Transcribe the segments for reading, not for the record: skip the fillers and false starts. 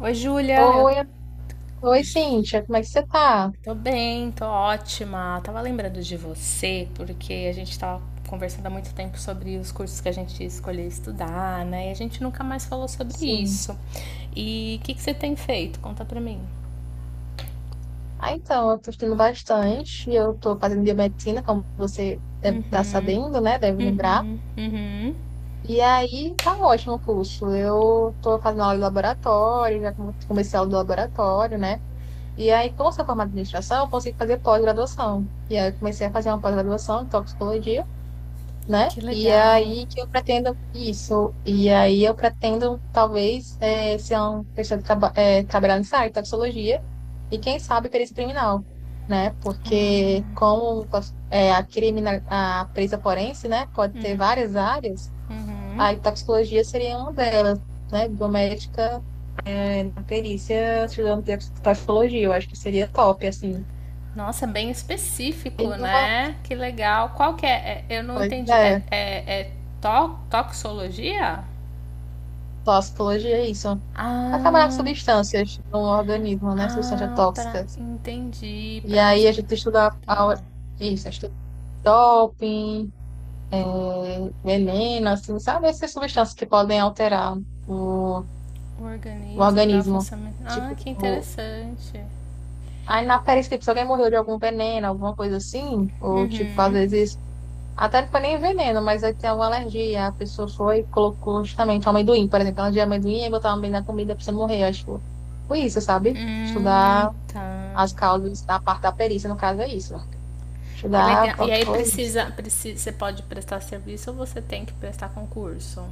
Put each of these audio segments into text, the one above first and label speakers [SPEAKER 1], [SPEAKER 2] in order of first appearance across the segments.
[SPEAKER 1] Oi, Júlia, eu
[SPEAKER 2] Oi, oi, Cíntia, como é que você tá?
[SPEAKER 1] tô bem, tô ótima. Tava lembrando de você porque a gente tava conversando há muito tempo sobre os cursos que a gente escolheu estudar, né? E a gente nunca mais falou sobre
[SPEAKER 2] Sim.
[SPEAKER 1] isso. E o que que você tem feito? Conta pra mim.
[SPEAKER 2] Ah, então, eu tô estudando bastante e eu tô fazendo biomedicina, como você deve estar sabendo, né? Deve lembrar.
[SPEAKER 1] Uhum,
[SPEAKER 2] E aí, tá um ótimo o curso. Eu tô fazendo aula de laboratório, já comecei a aula de laboratório, né? E aí, como eu sou formada em administração, eu consegui fazer pós-graduação. E aí, eu comecei a fazer uma pós-graduação em toxicologia, né?
[SPEAKER 1] que
[SPEAKER 2] E
[SPEAKER 1] legal.
[SPEAKER 2] aí que eu pretendo isso. E aí eu pretendo, talvez, ser uma pessoa que trabalhar nessa área de toxicologia e, quem sabe, perícia criminal, né? Porque como criminal, a perícia forense, né, pode ter várias áreas, a toxicologia seria uma delas, né? Biomédica, na perícia, estudando de toxicologia, eu acho que seria top, assim.
[SPEAKER 1] Nossa, bem
[SPEAKER 2] E
[SPEAKER 1] específico,
[SPEAKER 2] uma
[SPEAKER 1] né? Que legal. Qual que é? Eu não
[SPEAKER 2] coisa
[SPEAKER 1] entendi.
[SPEAKER 2] é,
[SPEAKER 1] Toxologia?
[SPEAKER 2] toxicologia é isso. A trabalhar com
[SPEAKER 1] Ah,
[SPEAKER 2] substâncias no organismo, né? Substâncias
[SPEAKER 1] ah, pra,
[SPEAKER 2] tóxicas.
[SPEAKER 1] entendi.
[SPEAKER 2] E
[SPEAKER 1] Pra,
[SPEAKER 2] aí a gente
[SPEAKER 1] tá.
[SPEAKER 2] isso, estuda doping, veneno, assim, sabe? Essas substâncias que podem alterar o,
[SPEAKER 1] O
[SPEAKER 2] o
[SPEAKER 1] organismo, dá o
[SPEAKER 2] organismo.
[SPEAKER 1] funcionamento. Ah,
[SPEAKER 2] Tipo,
[SPEAKER 1] que interessante.
[SPEAKER 2] aí na perícia, tipo, se alguém morreu de algum veneno, alguma coisa assim, ou tipo, às
[SPEAKER 1] Uhum.
[SPEAKER 2] vezes, até não foi nem veneno, mas aí tem alguma alergia, a pessoa foi e colocou justamente um amendoim, por exemplo, ela de amendoim e botar amendoim na comida pra você morrer, acho. Foi isso, sabe? Estudar
[SPEAKER 1] Tá.
[SPEAKER 2] as causas da parte da perícia, no caso é isso, né?
[SPEAKER 1] Que
[SPEAKER 2] Estudar
[SPEAKER 1] legal. E aí
[SPEAKER 2] toxicologista.
[SPEAKER 1] precisa, você pode prestar serviço ou você tem que prestar concurso?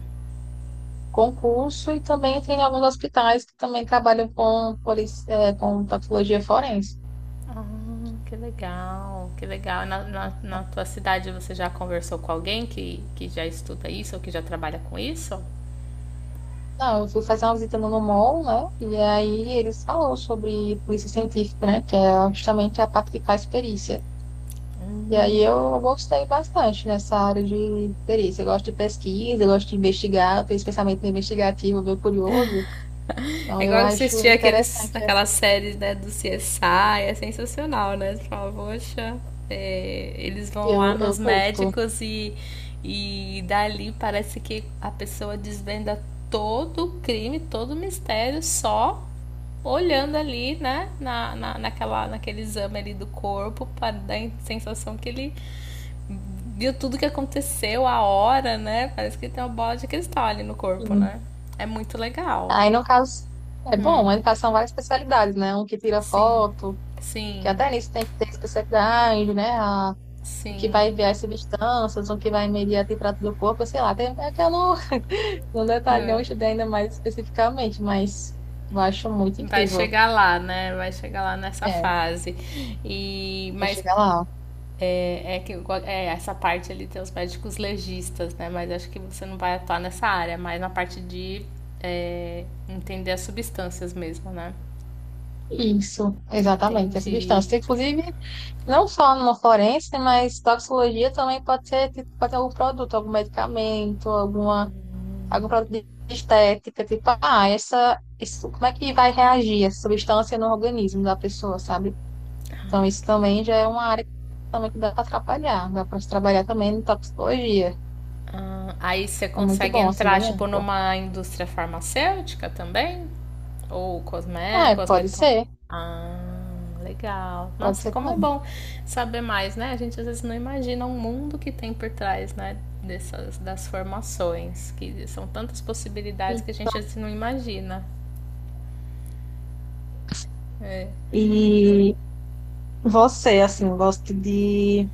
[SPEAKER 2] Concurso e também entrei em alguns hospitais que também trabalham com, com toxicologia forense.
[SPEAKER 1] Ah, que legal, que legal. Na tua cidade você já conversou com alguém que já estuda isso ou que já trabalha com isso?
[SPEAKER 2] Não, eu fui fazer uma visita no NUMOL, né? E aí eles falaram sobre polícia científica, né? Que é justamente a parte que faz perícia. E aí eu gostei bastante nessa área de perícia. Eu gosto de pesquisa, eu gosto de investigar, eu tenho esse pensamento investigativo, meio curioso. Então
[SPEAKER 1] É
[SPEAKER 2] eu
[SPEAKER 1] igual
[SPEAKER 2] acho
[SPEAKER 1] assistir aqueles,
[SPEAKER 2] interessante,
[SPEAKER 1] aquelas séries, né, do CSI, é sensacional, né? Você fala, poxa, é, eles vão lá
[SPEAKER 2] eu,
[SPEAKER 1] nos
[SPEAKER 2] eu curto.
[SPEAKER 1] médicos e dali parece que a pessoa desvenda todo o crime, todo o mistério, só olhando ali, né, naquela, naquele exame ali do corpo, para dar a sensação que ele viu tudo que aconteceu, a hora, né? Parece que tem uma bola de cristal ali no corpo, né? É muito legal.
[SPEAKER 2] Aí, no caso, é bom, ele passa várias especialidades, né? Um que tira
[SPEAKER 1] Sim,
[SPEAKER 2] foto, que
[SPEAKER 1] sim,
[SPEAKER 2] até nisso tem que ter especialidade, né? O que
[SPEAKER 1] sim.
[SPEAKER 2] vai enviar as substâncias, o que vai medir a temperatura do corpo, sei lá. Tem, é que eu não, não detalhei, eu
[SPEAKER 1] É,
[SPEAKER 2] estudei ainda mais especificamente, mas eu acho muito
[SPEAKER 1] vai
[SPEAKER 2] incrível.
[SPEAKER 1] chegar lá, né? Vai chegar lá nessa
[SPEAKER 2] É,
[SPEAKER 1] fase. E,
[SPEAKER 2] vou
[SPEAKER 1] mas
[SPEAKER 2] chegar lá.
[SPEAKER 1] é, é, essa parte ali tem os médicos legistas, né? Mas acho que você não vai atuar nessa área, mas na parte de é, entender as substâncias mesmo, né?
[SPEAKER 2] Isso, exatamente, essa
[SPEAKER 1] Entendi.
[SPEAKER 2] substância. Inclusive, não só no forense, mas toxicologia também pode ser, tipo, pode ter algum produto, algum medicamento, algum produto de estética, tipo, ah, essa, isso, como é que vai reagir essa substância no organismo da pessoa, sabe? Então, isso também já é uma área que também que dá para trabalhar também em toxicologia.
[SPEAKER 1] Aí você
[SPEAKER 2] É muito
[SPEAKER 1] consegue
[SPEAKER 2] bom, assim,
[SPEAKER 1] entrar,
[SPEAKER 2] bem
[SPEAKER 1] tipo,
[SPEAKER 2] amplo.
[SPEAKER 1] numa indústria farmacêutica também? Ou cosme...
[SPEAKER 2] Ah, é,
[SPEAKER 1] cosmeton... Ah, legal.
[SPEAKER 2] pode
[SPEAKER 1] Nossa,
[SPEAKER 2] ser
[SPEAKER 1] como é
[SPEAKER 2] também.
[SPEAKER 1] bom saber mais, né? A gente às vezes não imagina o mundo que tem por trás, né? Dessas, das formações, que são tantas possibilidades que a gente às vezes não imagina. É.
[SPEAKER 2] E você, assim, gosta de,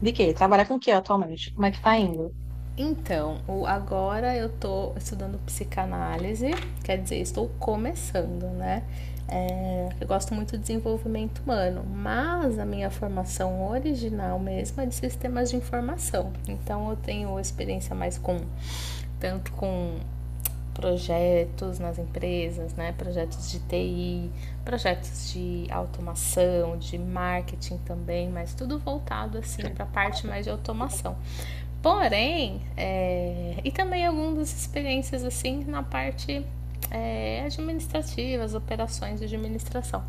[SPEAKER 2] de quê? Trabalha com o quê atualmente? Como é que tá indo?
[SPEAKER 1] Então, agora eu tô estudando psicanálise, quer dizer, estou começando, né? É, eu gosto muito de desenvolvimento humano, mas a minha formação original mesmo é de sistemas de informação. Então, eu tenho experiência mais com, tanto com projetos nas empresas, né? Projetos de TI, projetos de automação, de marketing também, mas tudo voltado assim para a parte mais de automação. Porém, é, e também algumas experiências assim na parte é, administrativa, as operações de administração.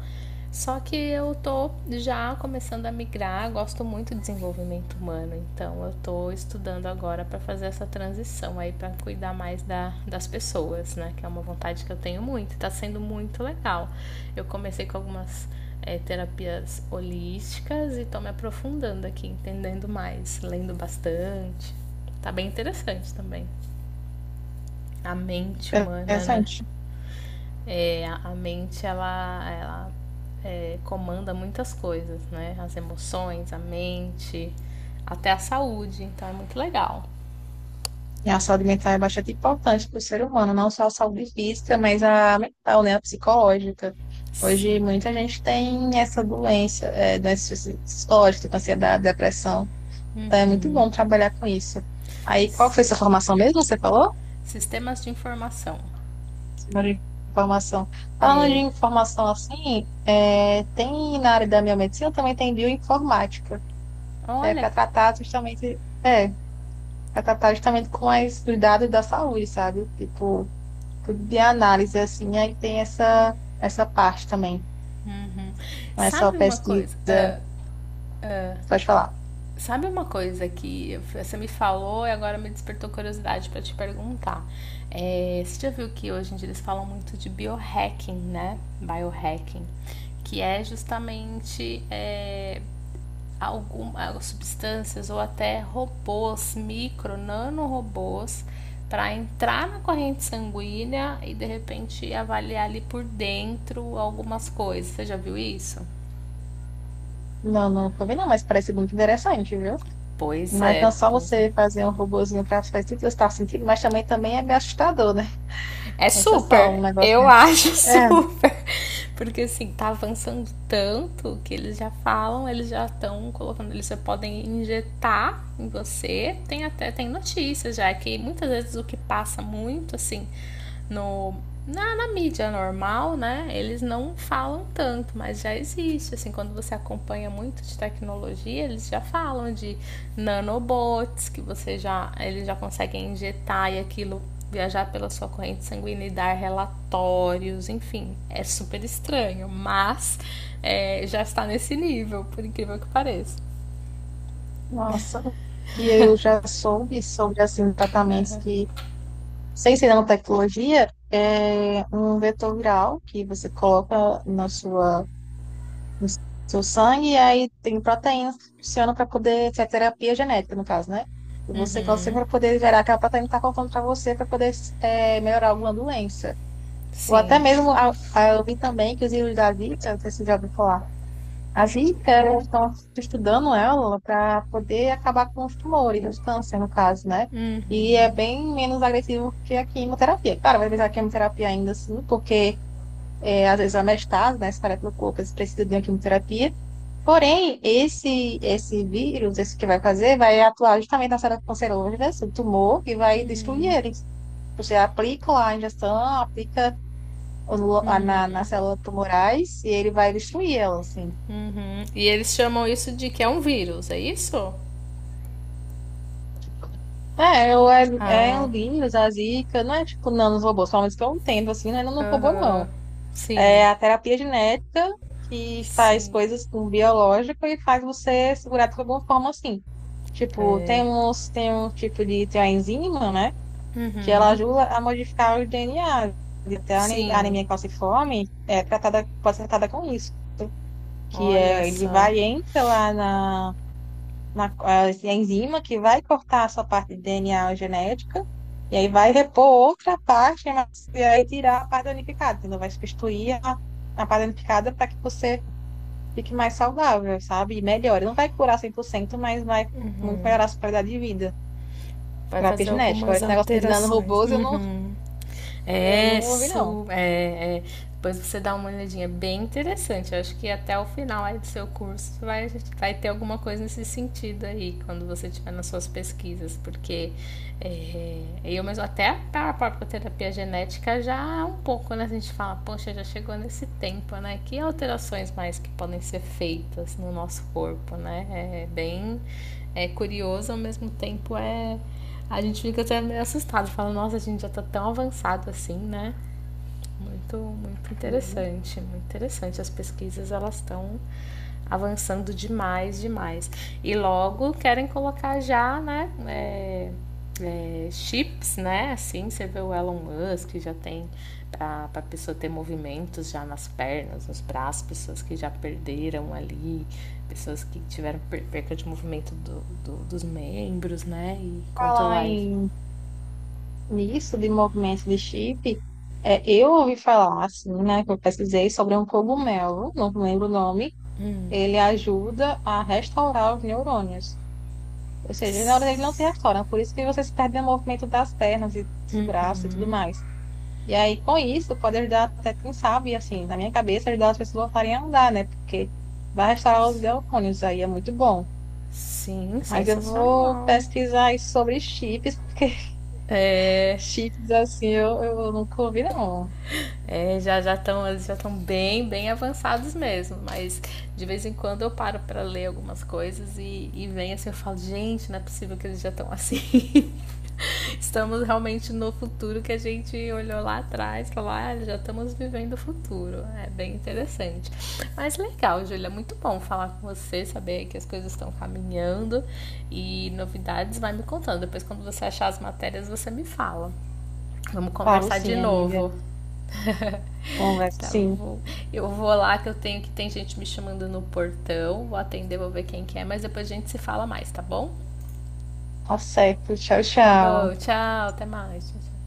[SPEAKER 1] Só que eu tô já começando a migrar, gosto muito de desenvolvimento humano, então eu tô estudando agora para fazer essa transição aí para cuidar mais da, das pessoas, né? Que é uma vontade que eu tenho muito, tá sendo muito legal. Eu comecei com algumas é, terapias holísticas e tô me aprofundando aqui, entendendo mais, lendo bastante. Tá bem interessante também. A mente humana, né?
[SPEAKER 2] Interessante.
[SPEAKER 1] É, a mente, ela é, comanda muitas coisas, né? As emoções, a mente, até a saúde. Então é muito legal.
[SPEAKER 2] E a saúde mental é bastante importante para o ser humano, não só a saúde física, mas a mental, né, a psicológica.
[SPEAKER 1] Sim.
[SPEAKER 2] Hoje, muita gente tem essa doença, doença psicológica, tipo ansiedade, depressão. Então, é muito
[SPEAKER 1] Uhum.
[SPEAKER 2] bom trabalhar com isso. Aí, qual foi sua formação mesmo? Você falou?
[SPEAKER 1] Sistemas de informação.
[SPEAKER 2] Senhora falou de informação. Falando de
[SPEAKER 1] É.
[SPEAKER 2] informação assim, é, tem na área da biomedicina também tem bioinformática, que é
[SPEAKER 1] Olha.
[SPEAKER 2] para tratar justamente com as, os dados da saúde, sabe? Tipo, de análise, assim, aí tem essa parte também.
[SPEAKER 1] Uhum.
[SPEAKER 2] Não é só
[SPEAKER 1] Sabe uma
[SPEAKER 2] pesquisa,
[SPEAKER 1] coisa?
[SPEAKER 2] pode falar.
[SPEAKER 1] Sabe uma coisa que você me falou e agora me despertou curiosidade para te perguntar? É, você já viu que hoje em dia eles falam muito de biohacking, né? Biohacking, que é justamente é, algumas substâncias ou até robôs, micro, nanorobôs, para entrar na corrente sanguínea e de repente avaliar ali por dentro algumas coisas. Você já viu isso?
[SPEAKER 2] Não, não tô vendo, não, mas parece muito interessante, viu?
[SPEAKER 1] Pois
[SPEAKER 2] Mas não
[SPEAKER 1] é,
[SPEAKER 2] só
[SPEAKER 1] pois
[SPEAKER 2] você
[SPEAKER 1] é.
[SPEAKER 2] fazer um robozinho para as pesquisas que você está sentindo, mas também, também é meio assustador, né?
[SPEAKER 1] É
[SPEAKER 2] Esse é só um
[SPEAKER 1] super.
[SPEAKER 2] negócio
[SPEAKER 1] Eu
[SPEAKER 2] desse.
[SPEAKER 1] acho
[SPEAKER 2] É,
[SPEAKER 1] super. Porque assim, tá avançando tanto que eles já falam, eles já estão colocando, eles já podem injetar em você. Tem até tem notícias já que muitas vezes o que passa muito assim no na mídia normal, né? Eles não falam tanto, mas já existe. Assim, quando você acompanha muito de tecnologia, eles já falam de nanobots que você já eles já conseguem injetar e aquilo viajar pela sua corrente sanguínea e dar relatórios, enfim, é super estranho, mas é, já está nesse nível, por incrível que pareça.
[SPEAKER 2] nossa, o que eu já soube sobre, assim, tratamentos que, sem ser nanotecnologia, é um vetor viral que você coloca na sua no seu sangue, e aí tem proteínas que funcionam para poder, que é terapia genética, no caso, né? E você consegue para poder gerar aquela proteína que está faltando para você, para poder melhorar alguma doença. Ou até
[SPEAKER 1] Sim.
[SPEAKER 2] mesmo, eu vi também que os livros da Vita, não sei se você já ouviu falar, a Vita, eles estão estudando ela para poder acabar com os tumores, os câncer, no caso, né? E é bem menos agressivo que a quimioterapia. Claro, vai precisar de quimioterapia ainda, assim, porque às vezes anestase, né, espalha pelo corpo, eles precisam de uma quimioterapia. Porém, esse vírus, esse que vai fazer, vai atuar justamente nas células cancerosas do tumor e vai destruir eles. Você aplica lá a injeção, aplica nas células tumorais e ele vai destruir elas, assim.
[SPEAKER 1] Uhum. E eles chamam isso de que é um vírus, é isso?
[SPEAKER 2] É
[SPEAKER 1] Ah,
[SPEAKER 2] o vírus, a zika, não é tipo nanos robôs, pelo menos que eu entendo, assim, né, não é nano robô,
[SPEAKER 1] aham.
[SPEAKER 2] não.
[SPEAKER 1] Sim,
[SPEAKER 2] É a terapia genética, que faz
[SPEAKER 1] sim.
[SPEAKER 2] coisas com o biológico e faz você segurar de alguma forma assim. Tipo,
[SPEAKER 1] É.
[SPEAKER 2] tem uns, tem um tipo de, tem uma enzima, né? Que
[SPEAKER 1] Uhum.
[SPEAKER 2] ela ajuda a modificar o DNA. Até a
[SPEAKER 1] Sim.
[SPEAKER 2] anemia calciforme é tratada, pode ser tratada com isso. Que
[SPEAKER 1] Olha
[SPEAKER 2] é, ele
[SPEAKER 1] só.
[SPEAKER 2] vai, entra lá a enzima que vai cortar essa parte de DNA genética, e aí vai repor outra parte, mas, e aí tirar a parte danificada, entendeu? Vai substituir a parte danificada para que você fique mais saudável, sabe? E melhore. Não vai curar 100% mas vai muito melhorar a sua qualidade de vida.
[SPEAKER 1] Vai
[SPEAKER 2] Terapia
[SPEAKER 1] fazer
[SPEAKER 2] genética. Agora,
[SPEAKER 1] algumas
[SPEAKER 2] esse negócio de
[SPEAKER 1] alterações.
[SPEAKER 2] nanorobôs eu não,
[SPEAKER 1] Uhum. É,
[SPEAKER 2] ouvi, não.
[SPEAKER 1] su... é, é. Depois você dá uma olhadinha, é bem interessante. Eu acho que até o final aí do seu curso vai, vai ter alguma coisa nesse sentido aí, quando você estiver nas suas pesquisas, porque é, eu mesmo, até a própria terapia genética já um pouco, né? A gente fala, poxa, já chegou nesse tempo, né? Que alterações mais que podem ser feitas no nosso corpo, né? É bem é curioso, ao mesmo tempo é, a gente fica até meio assustado, fala, nossa, a gente já tá tão avançado assim, né? Muito, muito
[SPEAKER 2] Hum.
[SPEAKER 1] interessante, muito interessante. As pesquisas, elas estão avançando demais, demais. E logo querem colocar já, né, é, é, chips, né? Assim, você vê o Elon Musk, já tem para a pessoa ter movimentos já nas pernas, nos braços, pessoas que já perderam ali, pessoas que tiveram perca de movimento do, dos membros, né? E
[SPEAKER 2] Falar
[SPEAKER 1] controlar.
[SPEAKER 2] nisso, de movimento de chip, eu ouvi falar, assim, né, que eu pesquisei sobre um cogumelo, não lembro o nome, ele ajuda a restaurar os neurônios. Ou seja, os neurônios eles não se restauram, por isso que você se perde no movimento das pernas e dos braços e tudo mais. E aí, com isso, pode ajudar até, quem sabe, assim, na minha cabeça, ajudar as pessoas a voltarem a andar, né? Porque vai restaurar os neurônios, aí é muito bom.
[SPEAKER 1] Sim,
[SPEAKER 2] Mas eu vou
[SPEAKER 1] sensacional.
[SPEAKER 2] pesquisar isso sobre chips, porque chips, assim, eu nunca ouvi, não.
[SPEAKER 1] É, já já estão eles já estão bem bem avançados mesmo, mas de vez em quando eu paro para ler algumas coisas e vem assim eu falo gente não é possível que eles já estão assim. Estamos realmente no futuro que a gente olhou lá atrás, falou ah já estamos vivendo o futuro, é bem interessante. Mas legal, Júlia, muito bom falar com você, saber que as coisas estão caminhando e novidades vai me contando. Depois quando você achar as matérias você me fala. Vamos
[SPEAKER 2] Falo
[SPEAKER 1] conversar de
[SPEAKER 2] sim, amiga.
[SPEAKER 1] novo.
[SPEAKER 2] Conversa
[SPEAKER 1] tá,
[SPEAKER 2] sim.
[SPEAKER 1] vou, eu vou lá que eu tenho que tem gente me chamando no portão. Vou atender, vou ver quem que é, mas depois a gente se fala mais, tá bom?
[SPEAKER 2] Tá certo. Tchau,
[SPEAKER 1] Tá bom,
[SPEAKER 2] tchau.
[SPEAKER 1] tchau, até mais. Tchau, tchau.